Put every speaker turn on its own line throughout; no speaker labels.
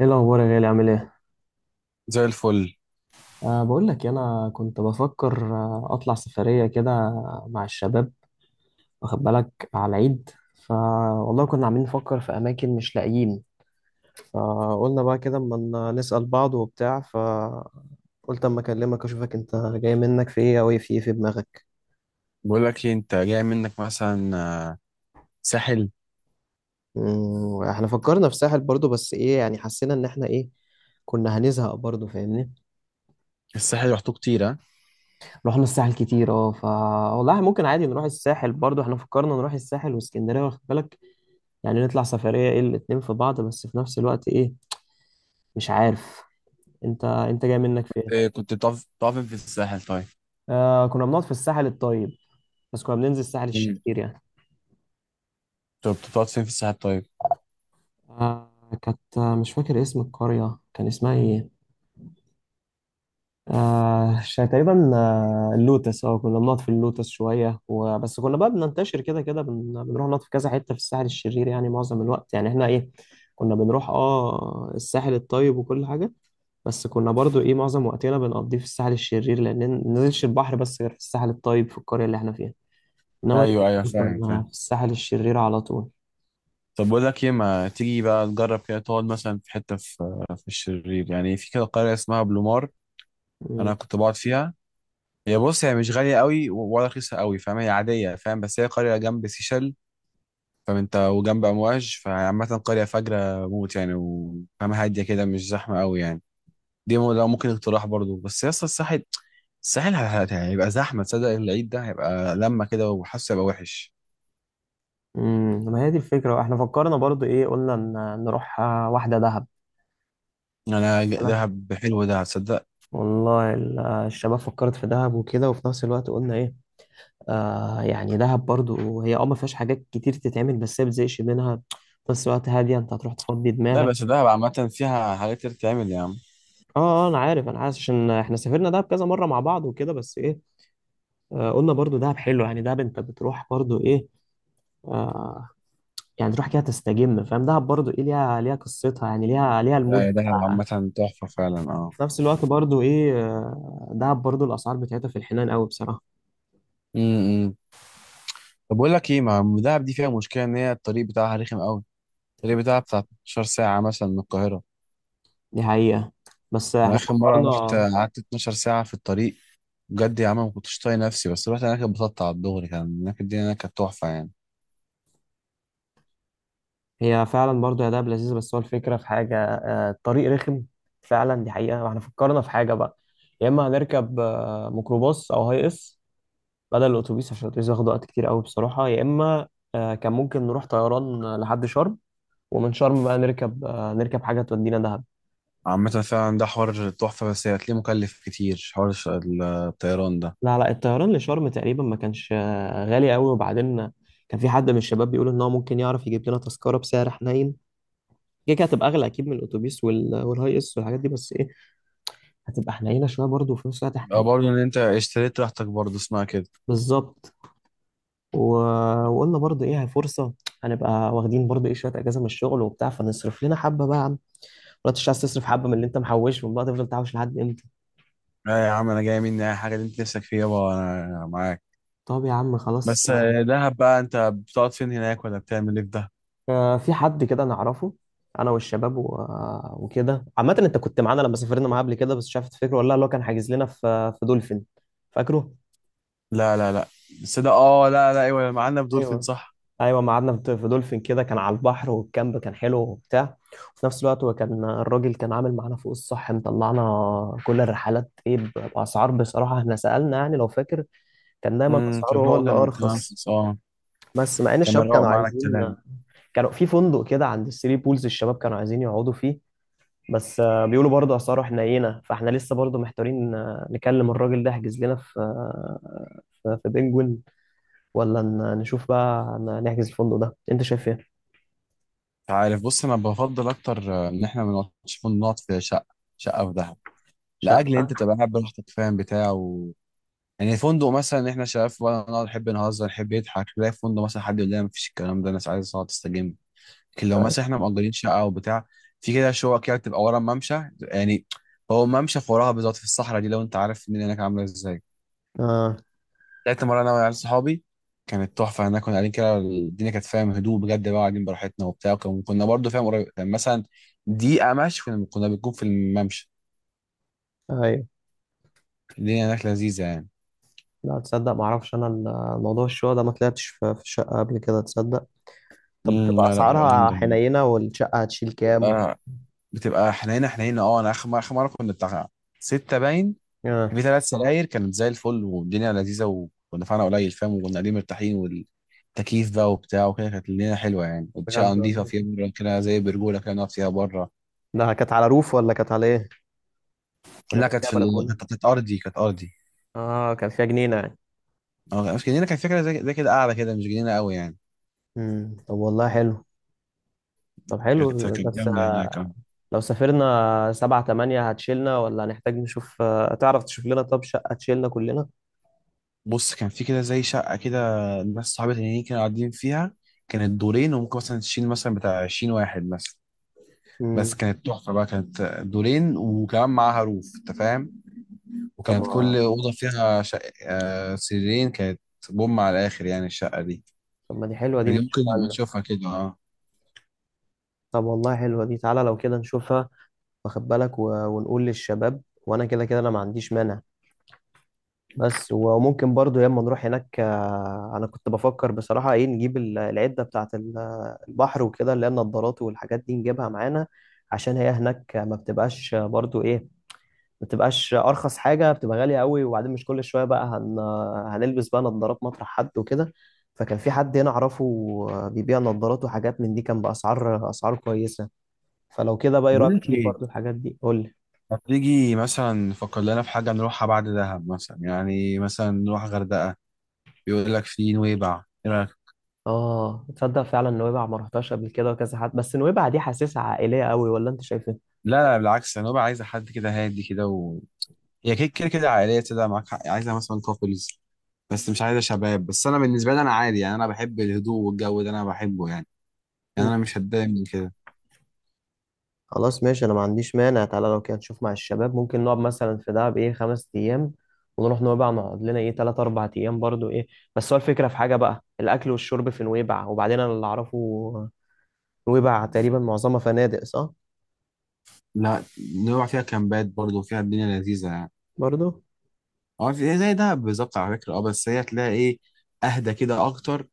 ايه الاخبار يا غالي؟ عامل ايه؟
زي الفل.
بقول لك إيه، انا كنت بفكر، اطلع سفريه كده مع الشباب، واخد بالك على العيد. ف والله كنا عاملين نفكر في اماكن مش لاقيين. فقلنا بقى كده اما نسال بعض وبتاع، فقلت اما اكلمك اشوفك انت جاي منك في ايه، او ايه في ايه في دماغك.
بقول لك ايه، انت جاي منك مثلا؟ آه، ساحل.
احنا فكرنا في ساحل برضو، بس ايه يعني، حسينا ان احنا ايه، كنا هنزهق برضو فاهمني.
الساحل رحته كتير، ها؟
رحنا الساحل كتير اه ف والله، ممكن عادي نروح الساحل برضو. احنا فكرنا نروح الساحل واسكندريه، واخد بالك، يعني نطلع سفرية ايه الاتنين في بعض، بس في نفس الوقت ايه، مش عارف. انت جاي منك فين؟
إيه، كنت بتقف فين في الساحل طيب؟
آه، كنا بنقعد في الساحل الطيب، بس كنا بننزل الساحل
امم
الشرير يعني.
طب بتقعد فين في الساحل طيب؟
آه، كانت مش فاكر اسم القرية، كان اسمها ايه، تقريبا اللوتس. اه كنا بنقعد في اللوتس شوية، وبس كنا بقى بننتشر كده كده، بنروح نقعد في كذا حتة في الساحل الشرير يعني. معظم الوقت يعني احنا ايه، كنا بنروح الساحل الطيب وكل حاجة، بس كنا برضو ايه معظم وقتنا بنقضيه في الساحل الشرير، لان ننزلش البحر بس غير في الساحل الطيب في القرية اللي احنا فيها. انما
ايوه، ايوه، فاهم،
كنا
فاهم.
في الساحل الشرير على طول.
طب بقول لك ايه، ما تيجي بقى تجرب كده تقعد مثلا في حته في في الشرير، يعني في كده قريه اسمها بلومار.
مم.
انا كنت بقعد فيها. هي، بص، هي مش غاليه قوي ولا رخيصه قوي، فاهم؟ هي عاديه، فاهم؟ بس هي قريه جنب سيشل، فاهم انت، وجنب امواج، فعامه قريه فجره موت يعني، وفاهم، هاديه كده، مش زحمه قوي يعني. ده ممكن اقتراح برضو، بس يا اسطى الساحل. يعني هيبقى زحمه، تصدق؟ العيد ده هيبقى لما كده وحاسه، هيبقى وحش.
مم. ما هي دي الفكرة. احنا فكرنا برضو ايه، قلنا نروح، واحدة دهب. قالك
دهب حلو ده، تصدق؟
والله الشباب فكرت في دهب وكده، وفي نفس الوقت قلنا ايه، آه يعني دهب برضو هي ما فيهاش حاجات كتير تتعمل، بس هي بتزهقش منها. في نفس الوقت هادية، انت هتروح تفضي
لا،
دماغك.
بس دهب عامه فيها حاجات كتير تعمل، يا عم.
اه انا عارف انا عارف، عشان احنا سافرنا دهب كذا مرة مع بعض وكده، بس ايه، قلنا برضو دهب حلو. يعني دهب انت بتروح برضو ايه، آه يعني تروح كده تستجم فاهم. دهب برضو ايه ليها ليها قصتها، يعني ليها ليها
لا،
المود
يا دهب
بتاعها.
عامه تحفه فعلا، اه.
في نفس الوقت برضو ايه، دهب برضو الاسعار بتاعتها في الحنان قوي بصراحة.
امم طب بقول لك ايه، ما دهب دي فيها مشكله ان هي الطريق بتاعها رخم قوي. الطريق بتاعها بتاع 12 ساعه مثلا من القاهره.
دي حقيقة، بس
انا
احنا
اخر مره رحت
فكرنا.
قعدت 12 ساعه في الطريق. بجد يا عم، ما كنتش طايق نفسي، بس رحت هناك اتبسطت على الدغري، كان هناك الدنيا هناك كانت تحفه يعني.
هي فعلا برضو يا دهب لذيذة، بس هو الفكرة في حاجة، الطريق رخم فعلا، دي حقيقة. واحنا فكرنا في حاجة بقى، يا اما هنركب ميكروباص او هاي اس بدل الاتوبيس، عشان الاتوبيس ياخد وقت كتير قوي بصراحه، يا اما كان ممكن نروح طيران لحد شرم. ومن شرم بقى نركب، حاجه تودينا دهب.
عامة، فعلا ده حوار تحفة، بس هتلاقيه مكلف كتير، حوار الطيران ده.
لا لا الطيران لشرم تقريبا ما كانش غالي قوي، وبعدين كان في حد من الشباب بيقول ان هو ممكن يعرف يجيب لنا تذكره بسعر حنين. كده كده هتبقى اغلى اكيد من الاتوبيس والهاي اس والحاجات دي، بس ايه هتبقى حنينه شويه برضه. وفي نفس الوقت احنا
يبقى برضه ان انت اشتريت راحتك، برضه اسمها كده.
بالظبط. و... وقلنا برضه ايه، هي فرصه، هنبقى واخدين برضه ايه شويه اجازه من الشغل وبتاع، فنصرف لنا حبه بقى، ولا مش عايز تصرف حبه من اللي انت محوشهم، بقى تفضل تحوش لحد امتى؟
لا يا عم، انا جاي مني اي حاجة اللي انت نفسك فيها، يابا، أنا معاك.
طب يا عم خلاص.
بس دهب بقى، انت بتقعد فين هناك ولا بتعمل ايه في ده؟
في حد كده نعرفه، انا والشباب، و... وكده. عامه انت كنت معانا لما سافرنا معاه قبل كده، بس مش عارف تفتكره ولا لا، اللي هو كان حاجز لنا في دولفين، فاكره؟
لا، لا، لا. بس ده، اه، لا، لا، ايوه، معانا في دولفين،
ايوه
صح؟
ايوه ما قعدنا في دولفين كده، كان على البحر والكامب كان حلو وبتاع. وفي نفس الوقت هو كان الراجل كان عامل معانا فوق الصح، مطلعنا كل الرحلات ايه باسعار، بصراحه احنا سالنا يعني لو فاكر، كان دايما
امم.
اسعاره
كان
هو
هو
اللي
كان
ارخص.
أرخص، اه.
بس مع ان
كان
الشباب
مروق
كانوا
معانا
عايزين،
الكلام.
كانوا في فندق كده عند الثري بولز الشباب كانوا عايزين يقعدوا فيه، بس بيقولوا برضه اسعاره حنينه. فاحنا لسه برضه محتارين، نكلم الراجل ده يحجز لنا في، في بنجوين، ولا نشوف بقى نحجز الفندق ده؟ انت شايف ايه؟
انت عارف، بص، انا بفضل اكتر ان احنا ما نقعدش نقعد في شقة، شقة في دهب. لاجل
شقه؟
انت تبقى قاعد براحتك، فاهم، بتاع. يعني فندق مثلا احنا شباب بقى، نقعد نحب نهزر، نحب نضحك، تلاقي في فندق مثلا حد يقول لنا مفيش الكلام ده، الناس عايزه تقعد تستجم. لكن لو
طيب.
مثلا احنا مأجرين شقه او بتاع، في كده شقق كده بتبقى ورا الممشى يعني. هو الممشى في وراها بالظبط، في الصحراء دي، لو انت عارف الدنيا هناك عامله ازاي.
اه
طلعت مره انا وعيال صحابي، كانت تحفه هناك، كنا قاعدين كده، الدنيا كانت فاهم هدوء بجد، بقى قاعدين براحتنا وبتاع، كنا برضه فاهم قريب، كان مثلا دقيقه مشي كنا بنكون في الممشى.
ايوه.
الدنيا هناك لذيذه يعني.
لا تصدق ما اعرفش انا موضوع الشقه ده، ما طلعتش في الشقه قبل كده تصدق. طب بتبقى
لا، لا، تبقى
اسعارها
جامده هناك.
حنينه؟ والشقه هتشيل كام و...؟
تبقى، بتبقى حنينه حنينه، اه. انا اخر مره كنا بتاع سته باين. كان
اه
في ثلاث سراير، كانت زي الفل، والدنيا لذيذه، ودفعنا قليل، فاهم، وكنا قاعدين مرتاحين، والتكييف بقى وبتاع وكده، كانت الدنيا حلوه يعني، والشقه
بجد
نضيفه،
والله.
فيها بره كده زي برجوله كده نقعد فيها بره.
ده كانت على روف ولا كانت على ايه، ولا
لا،
كانت فيها بلكونه؟
كانت ارضي، كانت ارضي.
اه كان فيها جنينه يعني.
اه، مش جنينه، كانت فكره زي كده قاعده كده، مش جنينه قوي يعني.
طب والله حلو. طب حلو.
كانت
بس
جامده هناك، اه.
لو سافرنا 7 8 هتشيلنا، ولا هنحتاج نشوف، تعرف تشوف لنا طب شقة تشيلنا كلنا؟
بص، كان في كده زي شقه كده، ناس صحابي تانيين كانوا قاعدين فيها. كانت دورين، وممكن مثلا تشيل مثلا بتاع 20 واحد مثلا. بس
امم.
كانت تحفة بقى، كانت دورين وكمان معاها روف، انت فاهم.
طب
وكانت كل أوضة فيها سريرين، كانت بوم على الآخر يعني الشقة دي.
طب ما دي حلوة دي، ما
دي ممكن
نشوفها
نبقى
لنا.
نشوفها كده، اه.
طب والله حلوة دي، تعالى لو كده نشوفها. واخد بالك و... ونقول للشباب، وانا كده كده انا ما عنديش مانع. بس وممكن برضو ياما نروح هناك، انا كنت بفكر بصراحة ايه، نجيب العدة بتاعت البحر وكده، اللي هي النضارات والحاجات دي نجيبها معانا، عشان هي هناك ما بتبقاش برضو ايه، ما تبقاش ارخص حاجه، بتبقى غاليه قوي. وبعدين مش كل شويه بقى هنلبس بقى نظارات مطرح حد وكده. فكان في حد هنا اعرفه بيبيع نظارات وحاجات من دي، كان باسعار اسعار كويسه. فلو كده بقى
طب
ايه
بقول
رايك
لك
تجيب
ايه،
برضو الحاجات دي، قول لي.
ما تيجي مثلا نفكر لنا في حاجة نروحها بعد دهب، مثلا يعني مثلا نروح غردقة. بيقول لك في نويبع، ايه رأيك؟
اه تصدق فعلا، نويبع ما رحتهاش قبل كده، وكذا حد، بس نويبع دي حاسسها عائليه قوي، ولا انت شايف ايه؟
لا، لا، بالعكس، نويبع عايزة حد كده هادي كده. هي كده كده كده عائلية كده، معاك حق، عايزة مثلا كابلز، بس مش عايزة شباب. بس أنا بالنسبة لي أنا عادي يعني، أنا بحب الهدوء والجو ده، أنا بحبه يعني. يعني انا مش هتضايق من كده.
خلاص ماشي، انا ما عنديش مانع. تعالى لو كده نشوف مع الشباب، ممكن نقعد مثلا في دهب ايه 5 ايام، ونروح نويبع نقعد لنا ايه 3 4 ايام برضو ايه. بس هو الفكره في حاجه بقى، الاكل والشرب في نويبع. وبعدين انا اللي اعرفه نويبع تقريبا معظمها فنادق، صح؟
لا، نروح فيها كامبات برضه، فيها الدنيا لذيذه يعني.
برضو
اه، زي ده بالظبط على فكره، اه، بس هي تلاقي ايه، اهدى كده اكتر،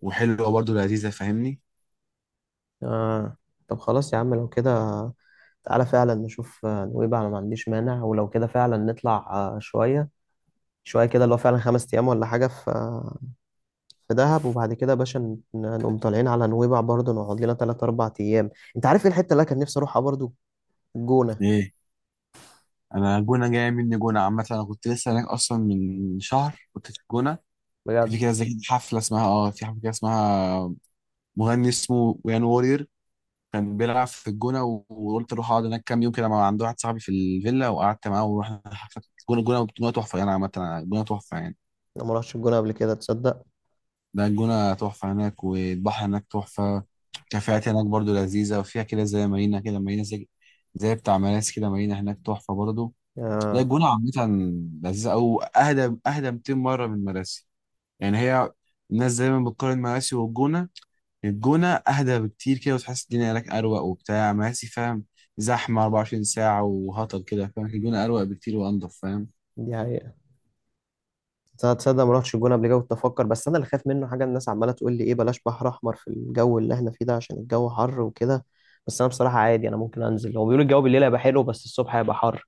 وحلوه برضه لذيذه، فاهمني.
آه. طب خلاص يا عم لو كده، تعالى فعلا نشوف نويبع. انا ما عنديش مانع، ولو كده فعلا نطلع شويه شويه كده، اللي هو فعلا 5 ايام ولا حاجه في في دهب، وبعد كده يا باشا نقوم طالعين على نويبع برضه، نقعد لنا 3 4 أيام. أنت عارف إيه الحتة اللي أنا كان نفسي أروحها برضه؟ الجونة.
ايه، انا جونه جايه مني. جونه عامه، انا كنت لسه هناك اصلا، من شهر كنت في الجونه. كان في
بجد،
كده زي حفله اسمها، في حفله كده اسمها، مغني اسمه ويان وورير، كان بيلعب في الجونه، وقلت اروح اقعد هناك كام يوم كده، مع عند واحد صاحبي في الفيلا، وقعدت معاه ورحنا حفله الجونه، الجونه، الجونه تحفه يعني عامه. الجونه تحفه يعني.
أنا ما رحتش الجونة قبل كده تصدق.
ده الجونة تحفة هناك، والبحر هناك تحفة. كافيهات هناك برضو لذيذة، وفيها كده زي مارينا كده، مارينا زي بتاع مراسي كده، مارينا هناك تحفة برضو. لا،
آه
الجونة عامة لذيذة، أو أهدى، أهدى 200 مرة من مراسي يعني. هي الناس دايما بتقارن مراسي والجونة. الجونة أهدى بكتير كده، وتحس الدنيا هناك أروق وبتاع، مراسي فاهم زحمة 24 ساعة وهطل كده، فاهم. الجونة أروق بكتير وأنضف، فاهم.
دي حقيقة. تصدق تصدق ما رحتش الجونة قبل كده. كنت أفكر، بس أنا اللي خايف منه حاجة، الناس عمالة تقول لي إيه بلاش بحر أحمر في الجو اللي إحنا فيه ده، عشان الجو حر وكده. بس أنا بصراحة عادي أنا ممكن أنزل. هو بيقولوا الجو بالليل هيبقى حلو، بس الصبح هيبقى حر.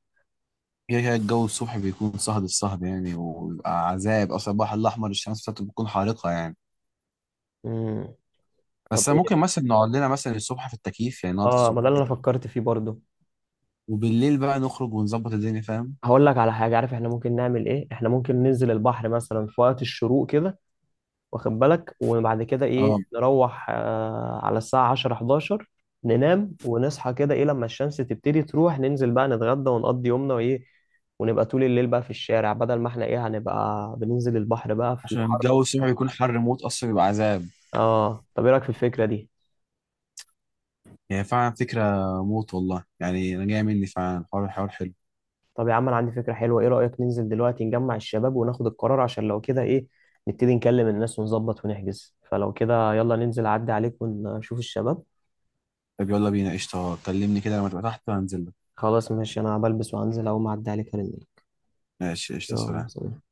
كده كده الجو الصبح بيكون صهد، الصهد يعني وبيبقى عذاب، اصلا البحر الاحمر الشمس بتاعته بتكون حارقه يعني.
امم. طب
بس ممكن
إيه،
مثلا نقعد لنا مثلا الصبح في التكييف يعني، نقعد في
آه ما
الصبح في
ده اللي أنا
التكييف.
فكرت فيه برضه.
وبالليل بقى نخرج ونظبط الدنيا، فاهم.
هقول لك على حاجة، عارف إحنا ممكن نعمل إيه؟ إحنا ممكن ننزل البحر مثلا في وقت الشروق كده، واخد بالك. وبعد كده ايه
اه،
نروح على الساعة 10 11، ننام ونصحى كده ايه لما الشمس تبتدي تروح، ننزل بقى نتغدى ونقضي يومنا وايه. ونبقى طول الليل بقى في الشارع، بدل ما احنا ايه هنبقى بننزل البحر بقى في
عشان الجو
الحر.
الصبح بيكون حر موت، اصلا بيبقى عذاب.
اه طب ايه رأيك في الفكرة دي؟
يعني فعلا فكره موت والله، يعني انا جاي مني فعلا، حوار حوار حلو.
طب يا عم انا عندي فكرة حلوة، ايه رأيك ننزل دلوقتي نجمع الشباب وناخد القرار؟ عشان لو كده ايه نبتدي نكلم الناس ونظبط ونحجز. فلو كده يلا ننزل، اعدي عليك ونشوف الشباب.
طب يلا بينا قشطه، كلمني كده لما تبقى تحت وهنزل لك.
خلاص ماشي، انا بلبس، وهنزل اول ما اعدي عليك هرن.
ماشي، قشطه،
يلا
سلام.
سلام.